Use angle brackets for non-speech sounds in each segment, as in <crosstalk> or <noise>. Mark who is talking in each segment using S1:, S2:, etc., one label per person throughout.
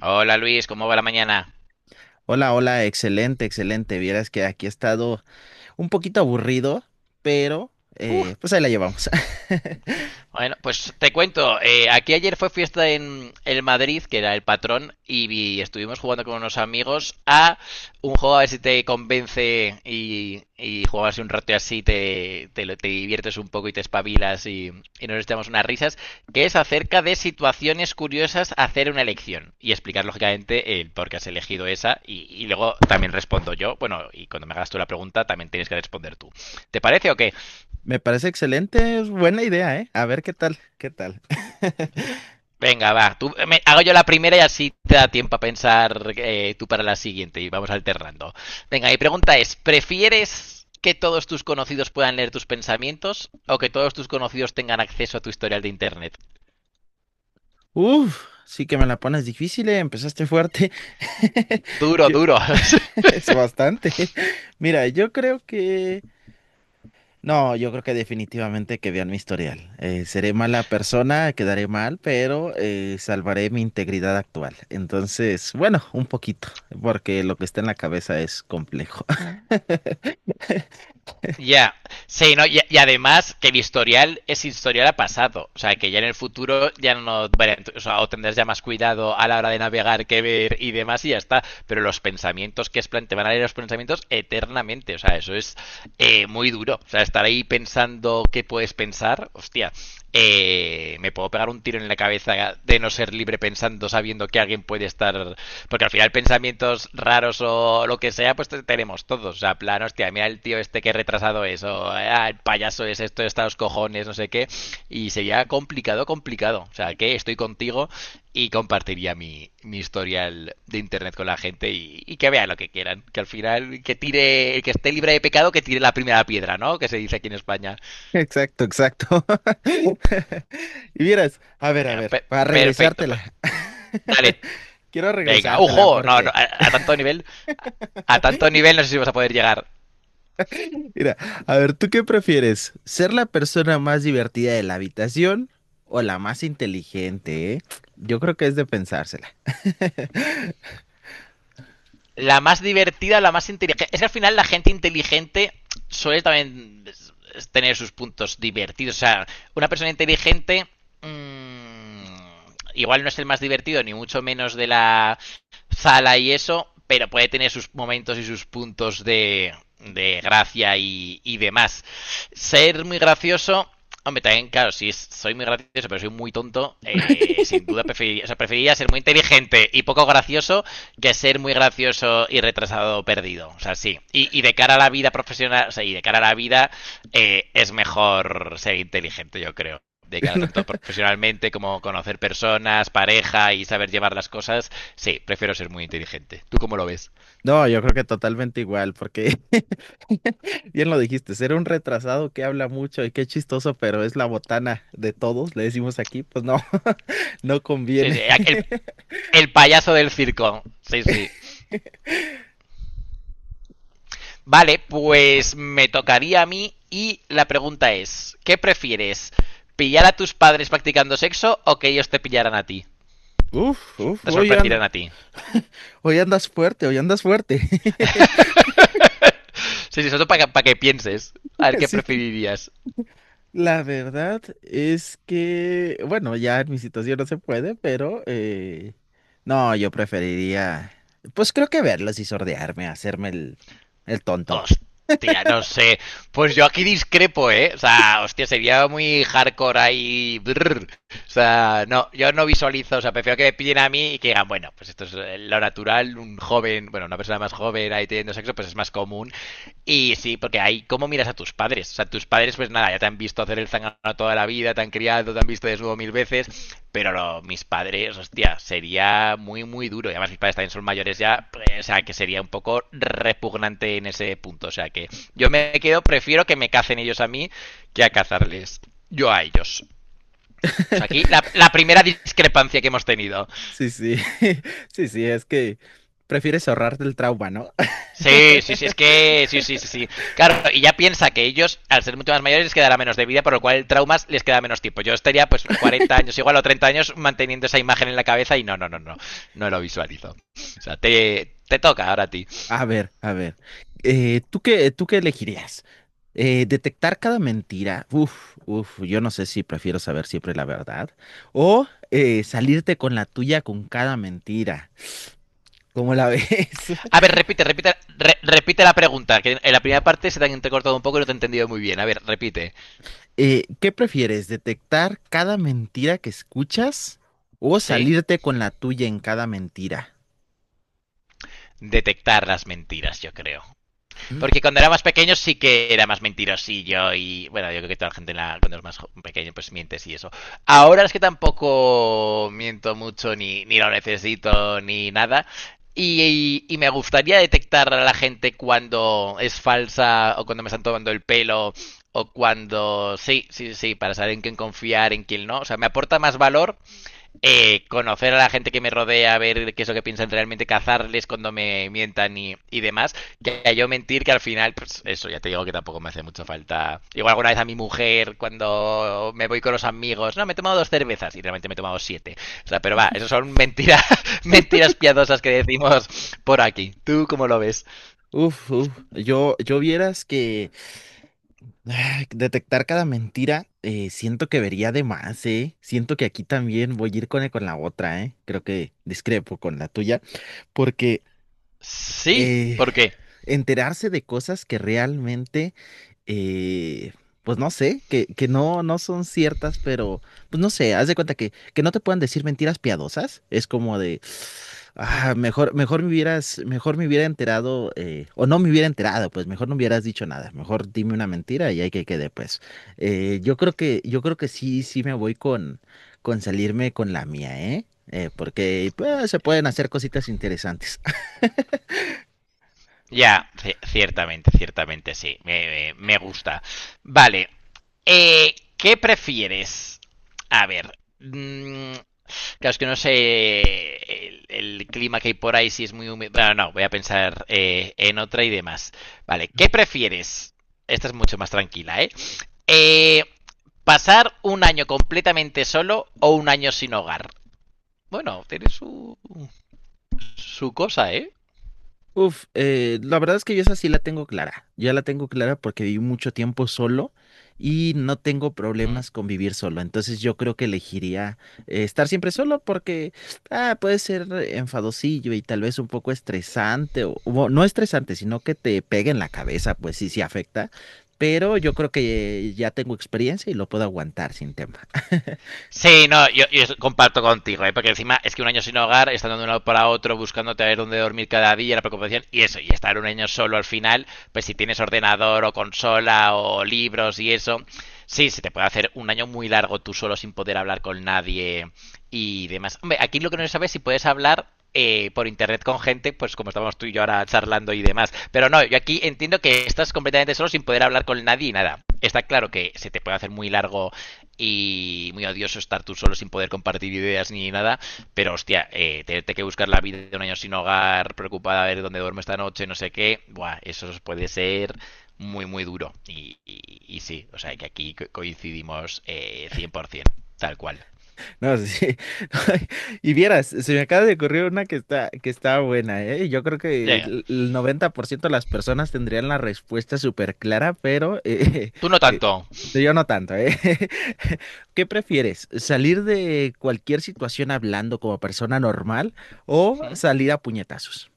S1: Hola Luis, ¿cómo va la mañana?
S2: Hola, hola, excelente, excelente. Vieras que aquí he estado un poquito aburrido, pero
S1: Uf,
S2: pues ahí la llevamos. <laughs>
S1: bueno, pues te cuento, aquí ayer fue fiesta en el Madrid, que era el patrón, y, estuvimos jugando con unos amigos a un juego a ver si te convence y, jugabas un rato y así te diviertes un poco y te espabilas y nos echamos unas risas, que es acerca de situaciones curiosas hacer una elección y explicar lógicamente el por qué has elegido esa y luego también respondo yo, bueno, y cuando me hagas tú la pregunta también tienes que responder tú. ¿Te parece o qué?
S2: Me parece excelente, es buena idea, ¿eh? A ver qué tal, qué tal. <laughs>
S1: Venga, va. Tú, hago yo la primera y así te da tiempo a pensar tú para la siguiente y vamos alternando. Venga, mi pregunta es, ¿prefieres que todos tus conocidos puedan leer tus pensamientos o que todos tus conocidos tengan acceso a tu historial de internet?
S2: Uf, sí que me la pones difícil, ¿eh? Empezaste fuerte. <laughs>
S1: Duro,
S2: Yo-
S1: duro. <laughs>
S2: <laughs> es bastante. Mira, yo creo que No, yo creo que definitivamente que vean mi historial. Seré mala persona, quedaré mal, pero salvaré mi integridad actual. Entonces, bueno, un poquito, porque lo que está en la cabeza es complejo. <laughs>
S1: Ya, sí, no, y además que el historial es historial a pasado, o sea, que ya en el futuro ya no, o sea, o tendrás ya más cuidado a la hora de navegar, que ver y demás y ya está, pero los pensamientos que es plan, te van a leer los pensamientos eternamente, o sea, eso es muy duro, o sea, estar ahí pensando qué puedes pensar, hostia, me puedo pegar un tiro en la cabeza de no ser libre pensando, sabiendo que alguien puede estar porque al final pensamientos raros o lo que sea, pues tenemos todos. O sea, plan, hostia, mira el tío este que retrasado es, o ah, el payaso es esto, está los cojones, no sé qué. Y sería complicado, complicado. O sea, que estoy contigo y compartiría mi historial de internet con la gente y que vean lo que quieran. Que al final, que tire, el que esté libre de pecado, que tire la primera piedra, ¿no? Que se dice aquí en España.
S2: Exacto, exacto. <laughs> Y vieras, a ver,
S1: pe-
S2: para
S1: Perfecto, pues
S2: regresártela. <laughs>
S1: dale.
S2: Quiero
S1: Venga,
S2: regresártela
S1: ujo, no, no,
S2: porque,
S1: a tanto nivel no sé si vas a poder llegar.
S2: mira, a ver, ¿tú qué prefieres? ¿Ser la persona más divertida de la habitación o la más inteligente, eh? Yo creo que es de pensársela.
S1: La más divertida, la más inteligente. Es que al final la gente inteligente suele también tener sus puntos divertidos. O sea, una persona inteligente mmm, igual no es el más divertido, ni mucho menos de la sala y eso, pero puede tener sus momentos y sus puntos de gracia y demás. Ser muy gracioso. Hombre, también, claro, si es- soy muy gracioso, pero soy muy tonto, sin duda preferiría, o sea, preferiría ser muy inteligente y poco gracioso que ser muy gracioso y retrasado o perdido. O sea, sí. Y de cara a la vida profesional, o sea, y de cara a la vida, es mejor ser inteligente, yo creo. De cara
S2: <laughs>
S1: tanto profesionalmente como conocer personas, pareja y saber llevar las cosas, sí, prefiero ser muy inteligente. ¿Tú cómo lo ves?
S2: No, yo creo que totalmente igual, porque <laughs> bien lo dijiste, ser un retrasado que habla mucho y qué chistoso, pero es la botana de todos, le decimos aquí, pues no, <laughs> no
S1: Sí, sí,
S2: conviene. <laughs>
S1: el payaso del circo. Sí, sí. Vale, pues me tocaría a mí y la pregunta es, ¿qué prefieres? ¿Pillar a tus padres practicando sexo o que ellos te pillaran a ti?
S2: Uf, uf,
S1: Te sorprendieran a ti.
S2: hoy andas fuerte, hoy andas fuerte. <laughs>
S1: <laughs> Sí, sí, eso para que pienses. A ver qué
S2: Sí,
S1: preferirías.
S2: la verdad es que, bueno, ya en mi situación no se puede, pero no, yo preferiría, pues creo que verlos y sordearme, hacerme el tonto.
S1: Hostia, no sé. Pues yo aquí discrepo, ¿eh? O sea, hostia, sería muy hardcore ahí. Brr. O sea, no, yo no visualizo, o sea, prefiero que me pillen a mí y que digan, bueno, pues esto es lo natural, un joven, bueno, una persona más joven ahí teniendo sexo, pues es más común. Y sí, porque ahí, ¿cómo miras a tus padres? O sea, tus padres, pues nada, ya te han visto hacer el zangano toda la vida, te han criado, te han visto desnudo 1000 veces, pero mis padres, hostia, sería muy, muy duro. Y además mis padres también son mayores ya, pues, o sea, que sería un poco repugnante en ese punto. O sea, que yo me quedo, prefiero que me cacen ellos a mí que a cazarles yo a ellos. O sea, aquí
S2: <laughs>
S1: primera discrepancia que hemos tenido.
S2: Sí, sí, <laughs> sí, sí, es que prefieres ahorrarte el trauma, ¿no? <laughs>
S1: Sí, sí, sí, es que. Sí, sí, sí, sí. Claro, y ya piensa que ellos, al ser mucho más mayores, les quedará menos de vida, por lo cual el trauma les queda menos tiempo. Yo estaría, pues, 40 años igual o 30 años manteniendo esa imagen en la cabeza y no, no, no, no. No lo visualizo. O sea, te toca ahora a ti.
S2: A ver, tú qué elegirías? Detectar cada mentira, uf, uf, yo no sé si prefiero saber siempre la verdad o salirte con la tuya con cada mentira, ¿cómo la ves?
S1: A
S2: <laughs>
S1: ver, repite, repite, repite la pregunta, que en la primera parte se te han entrecortado un poco y no te he entendido muy bien. A ver, repite.
S2: ¿Qué prefieres, detectar cada mentira que escuchas o
S1: ¿Sí?
S2: salirte con la tuya en cada mentira?
S1: Detectar las mentiras, yo creo. Porque cuando era más pequeño sí que era más mentirosillo y bueno, yo creo que toda la gente cuando es más pequeño pues mientes y eso. Ahora es que tampoco miento mucho ni, ni lo necesito ni nada. Y, y me gustaría detectar a la gente cuando es falsa o cuando me están tomando el pelo o cuando sí, sí, sí, para saber en quién confiar, en quién no. O sea, me aporta más valor conocer a la gente que me rodea, ver qué es lo que piensan realmente, cazarles cuando me mientan y demás, que a yo mentir que al final, pues eso ya te digo que tampoco me hace mucha falta. Igual alguna vez a mi mujer cuando me voy con los amigos, no, me he tomado dos cervezas y realmente me he tomado siete. O sea, pero va, eso son mentiras, <laughs> mentiras piadosas que decimos por aquí. ¿Tú cómo lo ves?
S2: Uf, uf, yo vieras que ah, detectar cada mentira, siento que vería de más, ¿eh? Siento que aquí también voy a ir con, con la otra, ¿eh? Creo que discrepo con la tuya, porque
S1: Sí,
S2: eh,
S1: ¿por qué?
S2: enterarse de cosas que realmente eh, pues no sé, que no, no son ciertas, pero pues no sé, haz de cuenta que no te puedan decir mentiras piadosas, es como de, ah, mejor me hubieras, mejor me hubiera enterado, o no me hubiera enterado, pues mejor no hubieras dicho nada, mejor dime una mentira y ahí que quede, pues. Yo creo que sí, sí me voy con salirme con la mía, ¿eh? Porque pues, se pueden hacer cositas interesantes. <laughs>
S1: Ya, ciertamente, ciertamente, sí. Me, me gusta. Vale. ¿Qué prefieres? A ver. Claro, es que no sé el, el clima que hay por ahí, si es muy húmedo. Bueno, no, voy a pensar en otra y demás. Vale, ¿qué prefieres? Esta es mucho más tranquila, ¿eh? Eh, ¿Pasar un año completamente solo o un año sin hogar? Bueno, tiene su, su cosa, ¿eh?
S2: Uf, la verdad es que yo esa sí la tengo clara. Ya la tengo clara porque viví mucho tiempo solo y no tengo problemas con vivir solo. Entonces yo creo que elegiría estar siempre solo porque ah, puede ser enfadosillo y tal vez un poco estresante o no estresante, sino que te pegue en la cabeza, pues sí, sí afecta. Pero yo creo que ya tengo experiencia y lo puedo aguantar sin tema.
S1: Sí, no, yo comparto contigo, ¿eh? Porque encima es que un año sin hogar, estando de un lado para otro, buscándote a ver dónde dormir cada día, la preocupación, y eso, y estar un año solo al final, pues si tienes ordenador o consola o libros y eso, sí, se te puede hacer un año muy largo tú solo sin poder hablar con nadie y demás. Hombre, aquí lo que no se sabe es si puedes hablar por internet con gente, pues como estamos tú y yo ahora charlando y demás. Pero no, yo aquí entiendo que estás completamente solo sin poder hablar con nadie y nada. Está claro que se te puede hacer muy largo y muy odioso estar tú solo sin poder compartir ideas ni nada, pero hostia, tenerte que buscar la vida de un año sin hogar, preocupada a ver dónde duermo esta noche, no sé qué, buah, eso puede ser muy, muy duro. Y, y sí, o sea que aquí coincidimos 100%, tal cual.
S2: No, sí. <laughs> Y vieras, se me acaba de ocurrir una que está buena, ¿eh? Yo creo que
S1: Venga,
S2: el 90% de las personas tendrían la respuesta súper clara, pero
S1: tú no
S2: <laughs> eh,
S1: tanto.
S2: yo no tanto, ¿eh? <laughs> ¿Qué prefieres? ¿Salir de cualquier situación hablando como persona normal o
S1: ¿Mm?
S2: salir a puñetazos?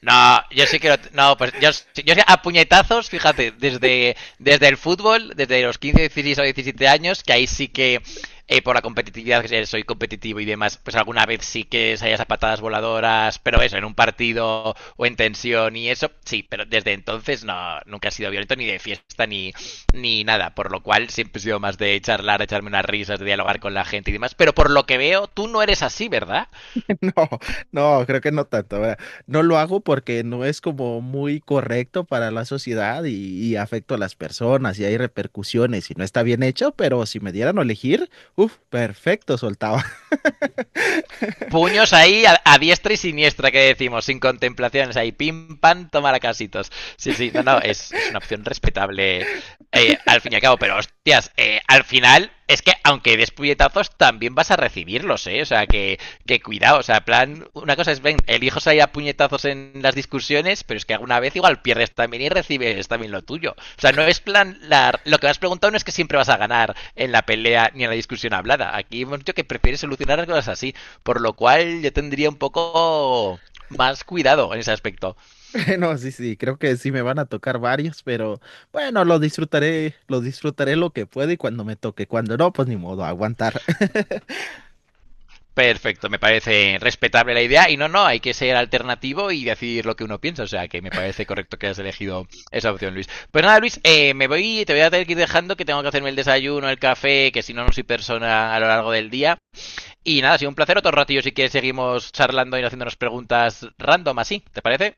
S1: No, yo sí quiero. No, pues yo, sí, yo sí, a puñetazos, fíjate, desde, desde el fútbol, desde los 15, 16 o 17 años, que ahí sí que por la competitividad, que soy competitivo y demás, pues alguna vez sí que salías a patadas voladoras, pero eso, en un partido o en tensión y eso, sí, pero desde entonces no, nunca he sido violento ni de fiesta ni, ni nada, por lo cual siempre he sido más de charlar, de echarme unas risas, de dialogar con la gente y demás, pero por lo que veo, tú no eres así, ¿verdad?
S2: <laughs> No, no, creo que no tanto. ¿Verdad? No lo hago porque no es como muy correcto para la sociedad y afecto a las personas y hay repercusiones y no está bien hecho, pero si me dieran a elegir, uff, perfecto, soltaba. <laughs>
S1: Puños ahí diestra y siniestra, que decimos, sin contemplaciones, ahí pim, pam, tomar a casitos. Sí, sí, no, no, es una opción respetable al fin y al cabo, pero hostias, al final es que aunque des puñetazos, también vas a recibirlos, ¿eh? O sea, que cuidado, o sea, plan, una cosa es, ven, elijos ahí a puñetazos en las discusiones, pero es que alguna vez igual pierdes también y recibes también lo tuyo. O sea, no es plan, la, lo que me has preguntado no es que siempre vas a ganar en la pelea ni en la discusión hablada. Aquí hemos dicho que prefieres solucionar las cosas así. Por lo cual yo tendría un poco más cuidado en ese aspecto.
S2: No, sí, sí, creo que sí me van a tocar varios, pero bueno, lo disfrutaré, lo disfrutaré lo que pueda y cuando me toque, cuando no, pues ni modo, aguantar.
S1: Perfecto, me parece respetable la idea y no, no, hay que ser alternativo y decir lo que uno piensa, o sea que me parece correcto que hayas elegido esa opción, Luis. Pues nada, Luis, me voy, te voy a tener que ir dejando que tengo que hacerme el desayuno, el café, que si no, no soy persona a lo largo del día. Y nada, ha sido un placer, otro ratillo si quieres seguimos charlando y haciéndonos preguntas random así, ¿te parece?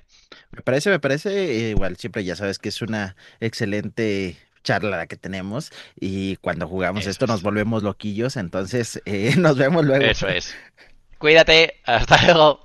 S2: Me parece, igual siempre ya sabes que es una excelente charla la que tenemos y cuando jugamos
S1: Eso
S2: esto nos
S1: es,
S2: volvemos loquillos, entonces <laughs> nos vemos luego.
S1: eso es. Cuídate, hasta luego.